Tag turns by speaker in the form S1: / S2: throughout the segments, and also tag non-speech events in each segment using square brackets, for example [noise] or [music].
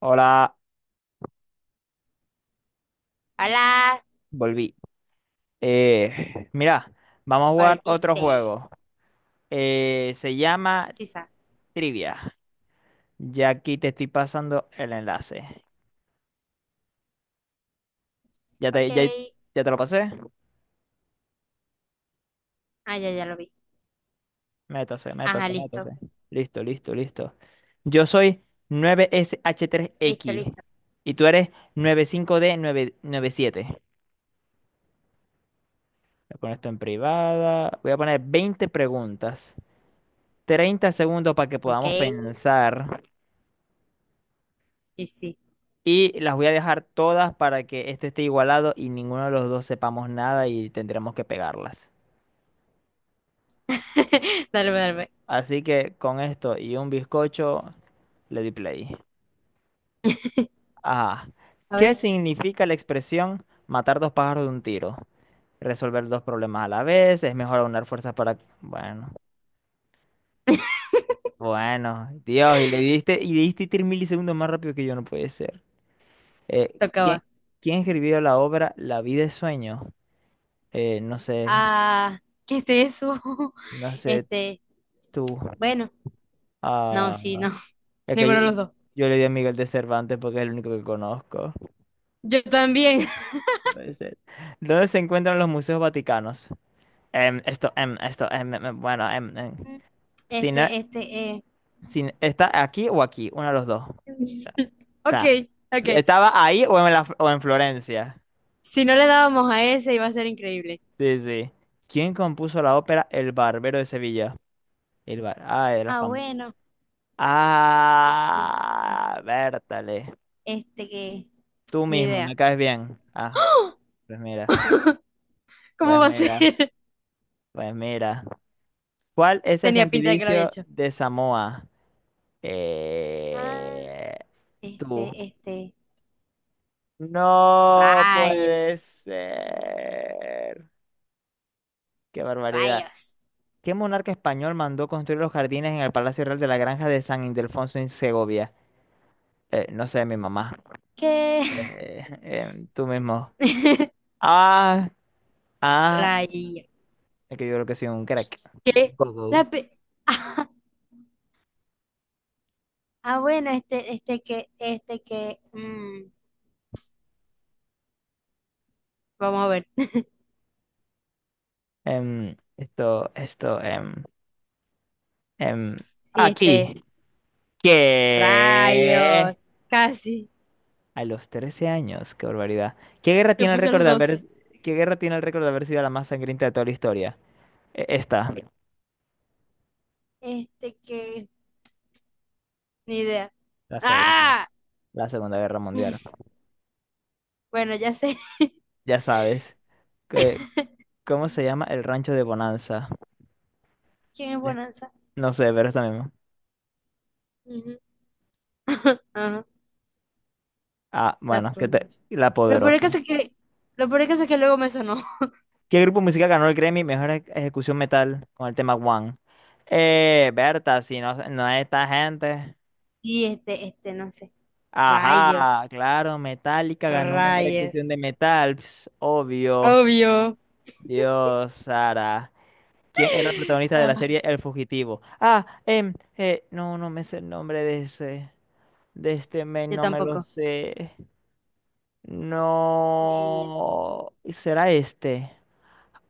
S1: Hola,
S2: Hola,
S1: volví. [laughs] Mira, vamos a jugar otro
S2: volviste.
S1: juego. Se llama
S2: Sisa.
S1: Trivia. Ya aquí te estoy pasando el enlace. ¿Ya te,
S2: Ok.
S1: ya, ya te lo pasé?
S2: Ah, ya, ya lo vi.
S1: Métase,
S2: Ajá,
S1: métase, métase.
S2: listo.
S1: Listo, listo, listo. Yo soy 9 sh tres
S2: Listo,
S1: x
S2: listo.
S1: y tú eres nueve cinco d 997. Voy a poner esto en privada. Voy a poner 20 preguntas, 30 segundos para que
S2: Ok.
S1: podamos pensar.
S2: Sí, sí.
S1: Y las voy a dejar todas para que este esté igualado y ninguno de los dos sepamos nada y tendremos que pegarlas.
S2: [laughs] Dale, dale.
S1: Así que con esto y un bizcocho le di play. Ah,
S2: A
S1: ¿qué
S2: ver,
S1: significa la expresión matar dos pájaros de un tiro? Resolver dos problemas a la vez, es mejor aunar fuerzas para... Bueno, Dios, y le diste 3 milisegundos más rápido que yo, no puede ser. Eh, ¿quién,
S2: tocaba.
S1: quién escribió la obra La vida es sueño? No sé,
S2: Ah, ¿qué es eso? [laughs]
S1: no sé
S2: Este,
S1: tú.
S2: bueno, no, sí,
S1: Ah,
S2: no. [laughs]
S1: es
S2: Ninguno de
S1: que
S2: los dos.
S1: yo le di a Miguel de Cervantes porque es el único que conozco.
S2: Yo también. [laughs]
S1: Puede ser. ¿Dónde se encuentran los museos vaticanos? Em, esto, em, esto, em, em, em, bueno, em, em.
S2: Mm,
S1: Si no-
S2: este, eh.
S1: no, ¿está aquí o aquí? Uno de los dos. O
S2: Ok,
S1: sea,
S2: ok.
S1: ¿estaba ahí o en Florencia?
S2: Si no le dábamos a ese, iba a ser increíble.
S1: Sí, sí. ¿Quién compuso la ópera El Barbero de Sevilla? Ah, era
S2: Ah,
S1: famoso.
S2: bueno. Este,
S1: Ah,
S2: este,
S1: Bertale.
S2: este que.
S1: Tú
S2: Ni
S1: mismo,
S2: idea.
S1: me caes bien. Ah,
S2: [gasps]
S1: pues mira,
S2: [laughs] ¿Cómo
S1: pues
S2: va a
S1: mira.
S2: ser?
S1: Pues mira, ¿cuál es el
S2: Tenía pinta de que lo había
S1: gentilicio
S2: hecho.
S1: de Samoa?
S2: Ah,
S1: Eh, tú.
S2: este.
S1: No
S2: Rayos,
S1: puede ser. Qué barbaridad.
S2: rayos.
S1: ¿Qué monarca español mandó construir los jardines en el Palacio Real de la Granja de San Ildefonso en Segovia? No sé, mi mamá.
S2: ¿Qué?
S1: Tú mismo.
S2: [laughs]
S1: Ah, ah,
S2: Rayos.
S1: es que yo creo que soy un crack. Un
S2: ¿Qué? La
S1: gogo.
S2: pe- [laughs] ah, bueno, este que. Vamos a ver.
S1: Em, esto, esto, em, em,
S2: Sí, este.
S1: aquí. ¿Qué?
S2: Rayos. Casi.
S1: A los 13 años, qué barbaridad. ¿Qué guerra
S2: Yo
S1: tiene el
S2: puse
S1: récord
S2: los
S1: de haber,
S2: doce.
S1: ¿qué guerra tiene el récord de haber sido la más sangrienta de toda la historia? Esta,
S2: Este que. Ni idea.
S1: la segunda,
S2: ¡Ah!
S1: la Segunda Guerra Mundial.
S2: [laughs] Bueno, ya sé
S1: Ya sabes, que- ¿cómo se llama el rancho de Bonanza?
S2: [laughs] quién es
S1: Le-
S2: Bonanza.
S1: No sé, pero esta misma.
S2: Ujú. [laughs] Ajá,
S1: Ah,
S2: la
S1: bueno,
S2: pronuncia.
S1: La
S2: Lo peor del
S1: Poderosa.
S2: caso es lo peor del caso es que luego me sonó.
S1: ¿Qué grupo musical ganó el Grammy Ejecución Metal con el tema One? Berta, si no, no es esta gente.
S2: Sí, este, no sé. Rayos,
S1: Ajá, claro, Metallica ganó mejor ejecución
S2: rayos.
S1: de metal, ps, obvio.
S2: Obvio.
S1: Dios, Sara. ¿Quién era el protagonista de la
S2: Ah.
S1: serie El Fugitivo? No, no me sé el nombre de ese, de este men,
S2: Yo
S1: no me lo
S2: tampoco.
S1: sé.
S2: Niño.
S1: No, será este.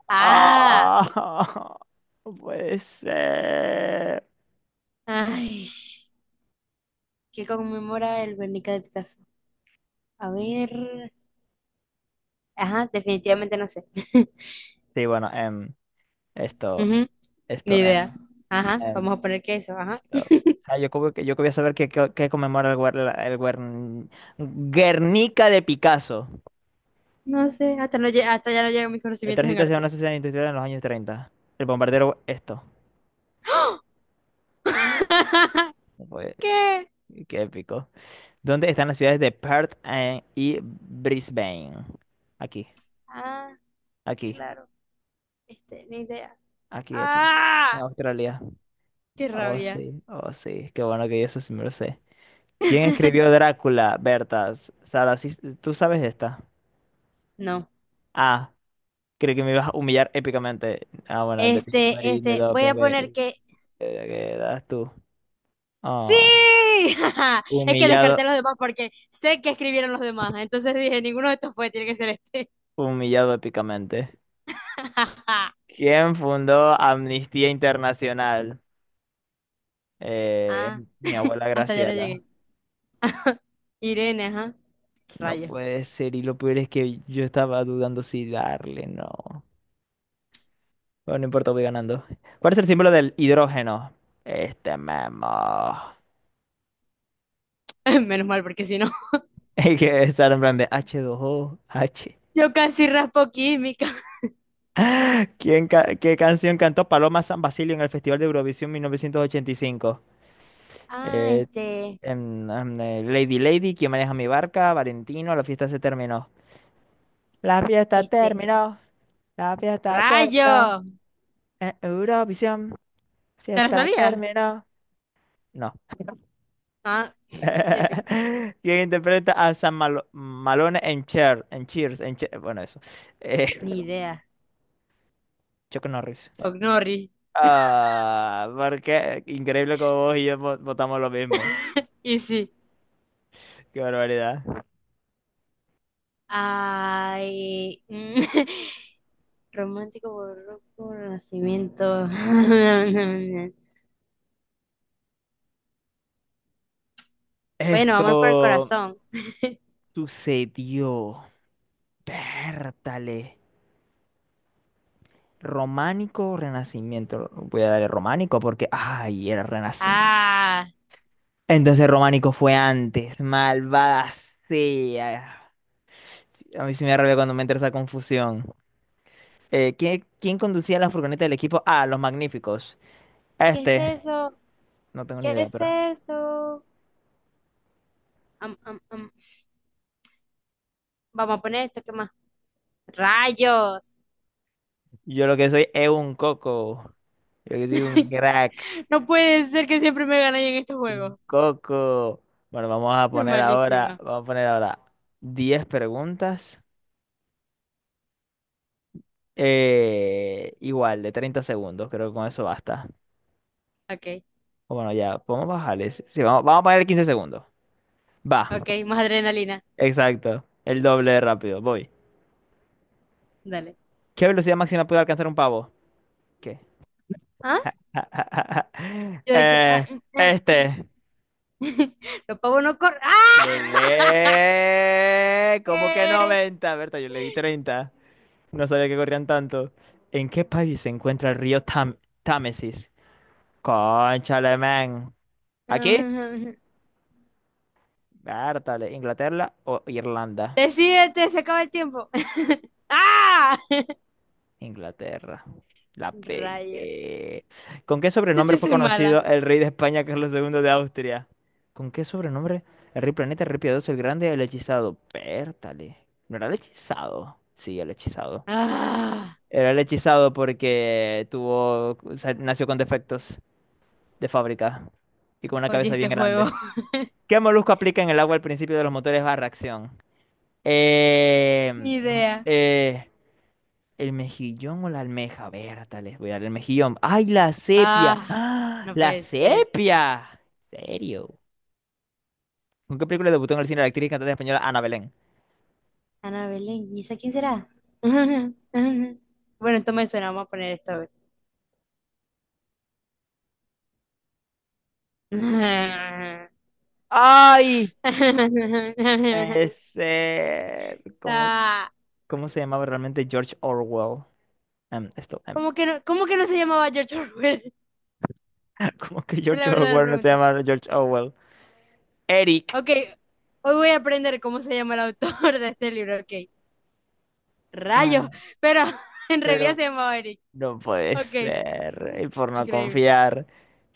S2: Ah,
S1: Ah, [laughs] no puede ser.
S2: ay, qué conmemora el Guernica de Picasso. A ver. Ajá, definitivamente no sé. [laughs]
S1: Sí, bueno, em, esto,
S2: Ujú, ni
S1: esto, em,
S2: idea. Ajá,
S1: em,
S2: vamos a poner que eso, ajá.
S1: Esto- Ah, yo como que yo quería saber qué conmemora el Guernica de Picasso.
S2: No sé, hasta ya no llegan mis
S1: El
S2: conocimientos en
S1: tránsito hacia
S2: arte.
S1: una sociedad industrial en los años treinta. El bombardero, esto.
S2: [laughs]
S1: Fue-
S2: ¿Qué?
S1: Qué épico. ¿Dónde están las ciudades de Perth y Brisbane? Aquí,
S2: Ah,
S1: aquí,
S2: claro. Este, ni idea.
S1: aquí, aquí. En
S2: ¡Ah!
S1: Australia.
S2: ¡Qué
S1: Oh,
S2: rabia!
S1: sí, oh, sí. Qué bueno que yo eso sí me lo sé. ¿Quién escribió Drácula? Bertas. Sara, tú sabes esta.
S2: No.
S1: A. Creo que me ibas a humillar épicamente. Ah, bueno, de ti, Marín, de
S2: Voy
S1: doping,
S2: a
S1: güey.
S2: poner que
S1: ¿Qué das tú?
S2: sí.
S1: Ah,
S2: [laughs] Es que
S1: humillado,
S2: descarté a los demás porque sé que escribieron los demás. Entonces dije, ninguno de estos fue, tiene que ser este.
S1: humillado épicamente.
S2: [laughs]
S1: ¿Quién fundó Amnistía Internacional? Eh,
S2: Ah,
S1: mi abuela
S2: hasta ya no
S1: Graciela.
S2: llegué. Irene, ajá.
S1: No
S2: Rayo.
S1: puede ser, y lo peor es que yo estaba dudando si darle, no. Bueno, no importa, voy ganando. ¿Cuál es el símbolo del hidrógeno? Este memo. [laughs]
S2: [laughs] Menos mal, porque si no, [laughs]
S1: Y que estar en plan de H2O, H.
S2: yo casi raspo química.
S1: ¿ qué canción cantó Paloma San Basilio en el Festival de Eurovisión 1985?
S2: Ah,
S1: Eh,
S2: este,
S1: Lady Lady, ¿Quién maneja mi barca? Valentino, la fiesta se terminó. La fiesta
S2: este,
S1: terminó, la fiesta terminó,
S2: rayo.
S1: en Eurovisión,
S2: ¿Te la
S1: fiesta
S2: sabías?
S1: terminó. No.
S2: Ah, épico.
S1: [laughs] ¿Quién interpreta a Malone en Cher? En Cheers, bueno, eso. Eh,
S2: Ni
S1: [laughs]
S2: idea.
S1: Chuck Norris.
S2: Ognori.
S1: Ah, porque increíble como vos y yo votamos lo mismo.
S2: Y sí.
S1: Qué barbaridad.
S2: Ay, [laughs] romántico, barroco, renacimiento. [laughs] Bueno,
S1: Esto
S2: vamos por el corazón. [laughs]
S1: sucedió. Pértale. ¿Románico o renacimiento? Voy a darle románico porque, ay, era renacimiento.
S2: Ah,
S1: Entonces románico fue antes. Malvada sea. A mí sí me arrepió cuando me entra esa confusión. ¿ Quién conducía la furgoneta del equipo? Ah, los magníficos.
S2: ¿qué es
S1: Este,
S2: eso?
S1: no tengo ni
S2: ¿Qué
S1: idea,
S2: es
S1: pero
S2: eso? Am, am, am. Vamos a poner esto, ¿qué más? ¡Rayos!
S1: yo lo que soy es un coco. Yo que soy un
S2: [laughs]
S1: crack.
S2: No puede ser que siempre me ganen en estos
S1: Un
S2: juegos.
S1: Coco. Bueno,
S2: Es malísima.
S1: vamos a poner ahora 10 preguntas, igual, de 30 segundos. Creo que con eso basta.
S2: Ok,
S1: O bueno, ya, podemos bajarles. Sí, sí, vamos a poner 15 segundos. Va,
S2: ok, más adrenalina.
S1: exacto. El doble de rápido. Voy.
S2: Dale.
S1: ¿Qué velocidad máxima puede alcanzar un pavo? ¿Qué?
S2: ¿Ah?
S1: [laughs]
S2: Yo de que. Ah,
S1: Eh,
S2: mm, mm.
S1: este.
S2: [laughs] Los pavos no corren. ¡Ah!
S1: ¿Qué?
S2: [laughs]
S1: ¿Cómo que
S2: ¿Qué?
S1: 90? Berta, yo le di 30. No sabía que corrían tanto. ¿En qué país se encuentra el río Támesis? Cónchale, man. ¿Aquí?
S2: [laughs]
S1: Vértale, ¿Inglaterra o Irlanda?
S2: Decídete, se acaba el tiempo. [laughs] ¡Ah!
S1: Inglaterra. La
S2: Rayos.
S1: pegué. ¿Con qué
S2: Yo
S1: sobrenombre
S2: sí
S1: fue
S2: soy mala.
S1: conocido el rey de España, Carlos segundo de Austria? ¿Con qué sobrenombre? El rey planeta, el rey piadoso, el grande, el hechizado. Vértale. ¿No era el hechizado? Sí, el hechizado.
S2: ¡Ah!
S1: Era el hechizado porque tuvo, o sea, nació con defectos de fábrica y con una
S2: Odio
S1: cabeza
S2: este
S1: bien
S2: juego.
S1: grande.
S2: [laughs]
S1: ¿Qué molusco aplica en el agua al principio de los motores a reacción?
S2: Ni
S1: Em,
S2: idea.
S1: eh, ¿El mejillón o la almeja? A ver, tal vez voy a dar el mejillón. ¡Ay, la sepia!
S2: ¡Ah!
S1: ¡Ah,
S2: No
S1: la
S2: puede ser.
S1: sepia! ¿En serio? ¿Con qué película debutó en el cine la actriz y cantante española Ana Belén?
S2: Ana Belén, ¿y esa quién será? [laughs] Bueno, esto me suena, vamos a poner esto. A ver.
S1: ¡Ay!
S2: [laughs]
S1: Es, ¿Cómo,
S2: Ah,
S1: cómo se llamaba realmente George Orwell? Em, esto, em,
S2: ¿cómo que no, cómo que no se llamaba George Orwell?
S1: [laughs] ¿Cómo que
S2: [laughs] Es la
S1: George
S2: verdadera
S1: Orwell no se
S2: pregunta.
S1: llama George Orwell? Eric.
S2: Ok, hoy voy a aprender cómo se llama el autor de este libro, ok.
S1: Ah,
S2: Rayo, pero [laughs] en realidad
S1: pero
S2: se llamaba Eric.
S1: no puede
S2: Ok,
S1: ser. Y por no
S2: increíble.
S1: confiar.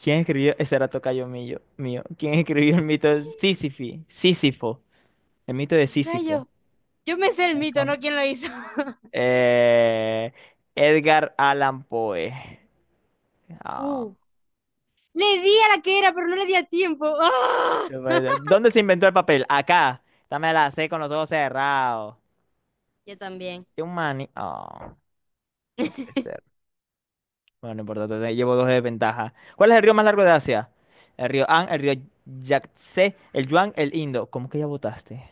S1: ¿Quién escribió? Ese era tocayo mío. ¿Quién escribió el mito de Sísifi? Sísifo. El mito de Sísifo.
S2: Rayo, yo me sé el
S1: Me
S2: mito,
S1: encam-
S2: ¿no? ¿Quién lo hizo? [laughs]
S1: Eh, Edgar Allan Poe. Ah,
S2: Uh, le di a la que era, pero no le di a tiempo. ¡Ah!
S1: no puede ser. ¿Dónde se inventó el papel? Acá. Dame la C con los ojos cerrados.
S2: Yo también,
S1: Qué un mani. Ah, no puede ser. Bueno, no importa. Llevo dos de ventaja. ¿Cuál es el río más largo de Asia? El río Yangtze, el Yuan, el Indo. ¿Cómo que ya votaste?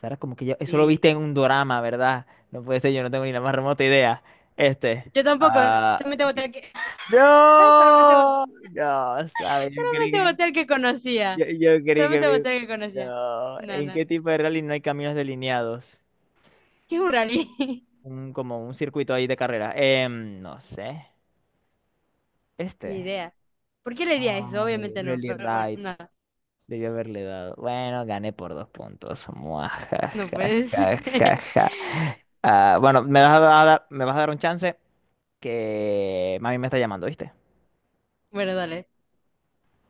S1: Sara, como que ya, eso lo
S2: sí.
S1: viste en un dorama, ¿verdad? No puede ser, yo no tengo ni la más remota idea. Este.
S2: Yo tampoco,
S1: Ah,
S2: solamente voté al que... [laughs] solamente voté...
S1: no, no, sabes
S2: solamente voté al que conocía.
S1: yo creí que
S2: Solamente voté al que conocía.
S1: no.
S2: No,
S1: ¿En
S2: no.
S1: qué tipo de rally no hay caminos delineados?
S2: ¿Qué es un rally? [laughs]
S1: Un, como un circuito ahí de carrera. No sé.
S2: Ni
S1: Este.
S2: idea. ¿Por qué le di a eso?
S1: Ay,
S2: Obviamente no,
S1: Rally
S2: pero bueno,
S1: Ride.
S2: nada.
S1: Debí haberle dado. Bueno, gané por 2 puntos.
S2: No puedes. [laughs]
S1: Muajajajajaja. Ah, bueno, me vas a dar un chance? Que mami me está llamando, ¿viste?
S2: Bueno, dale.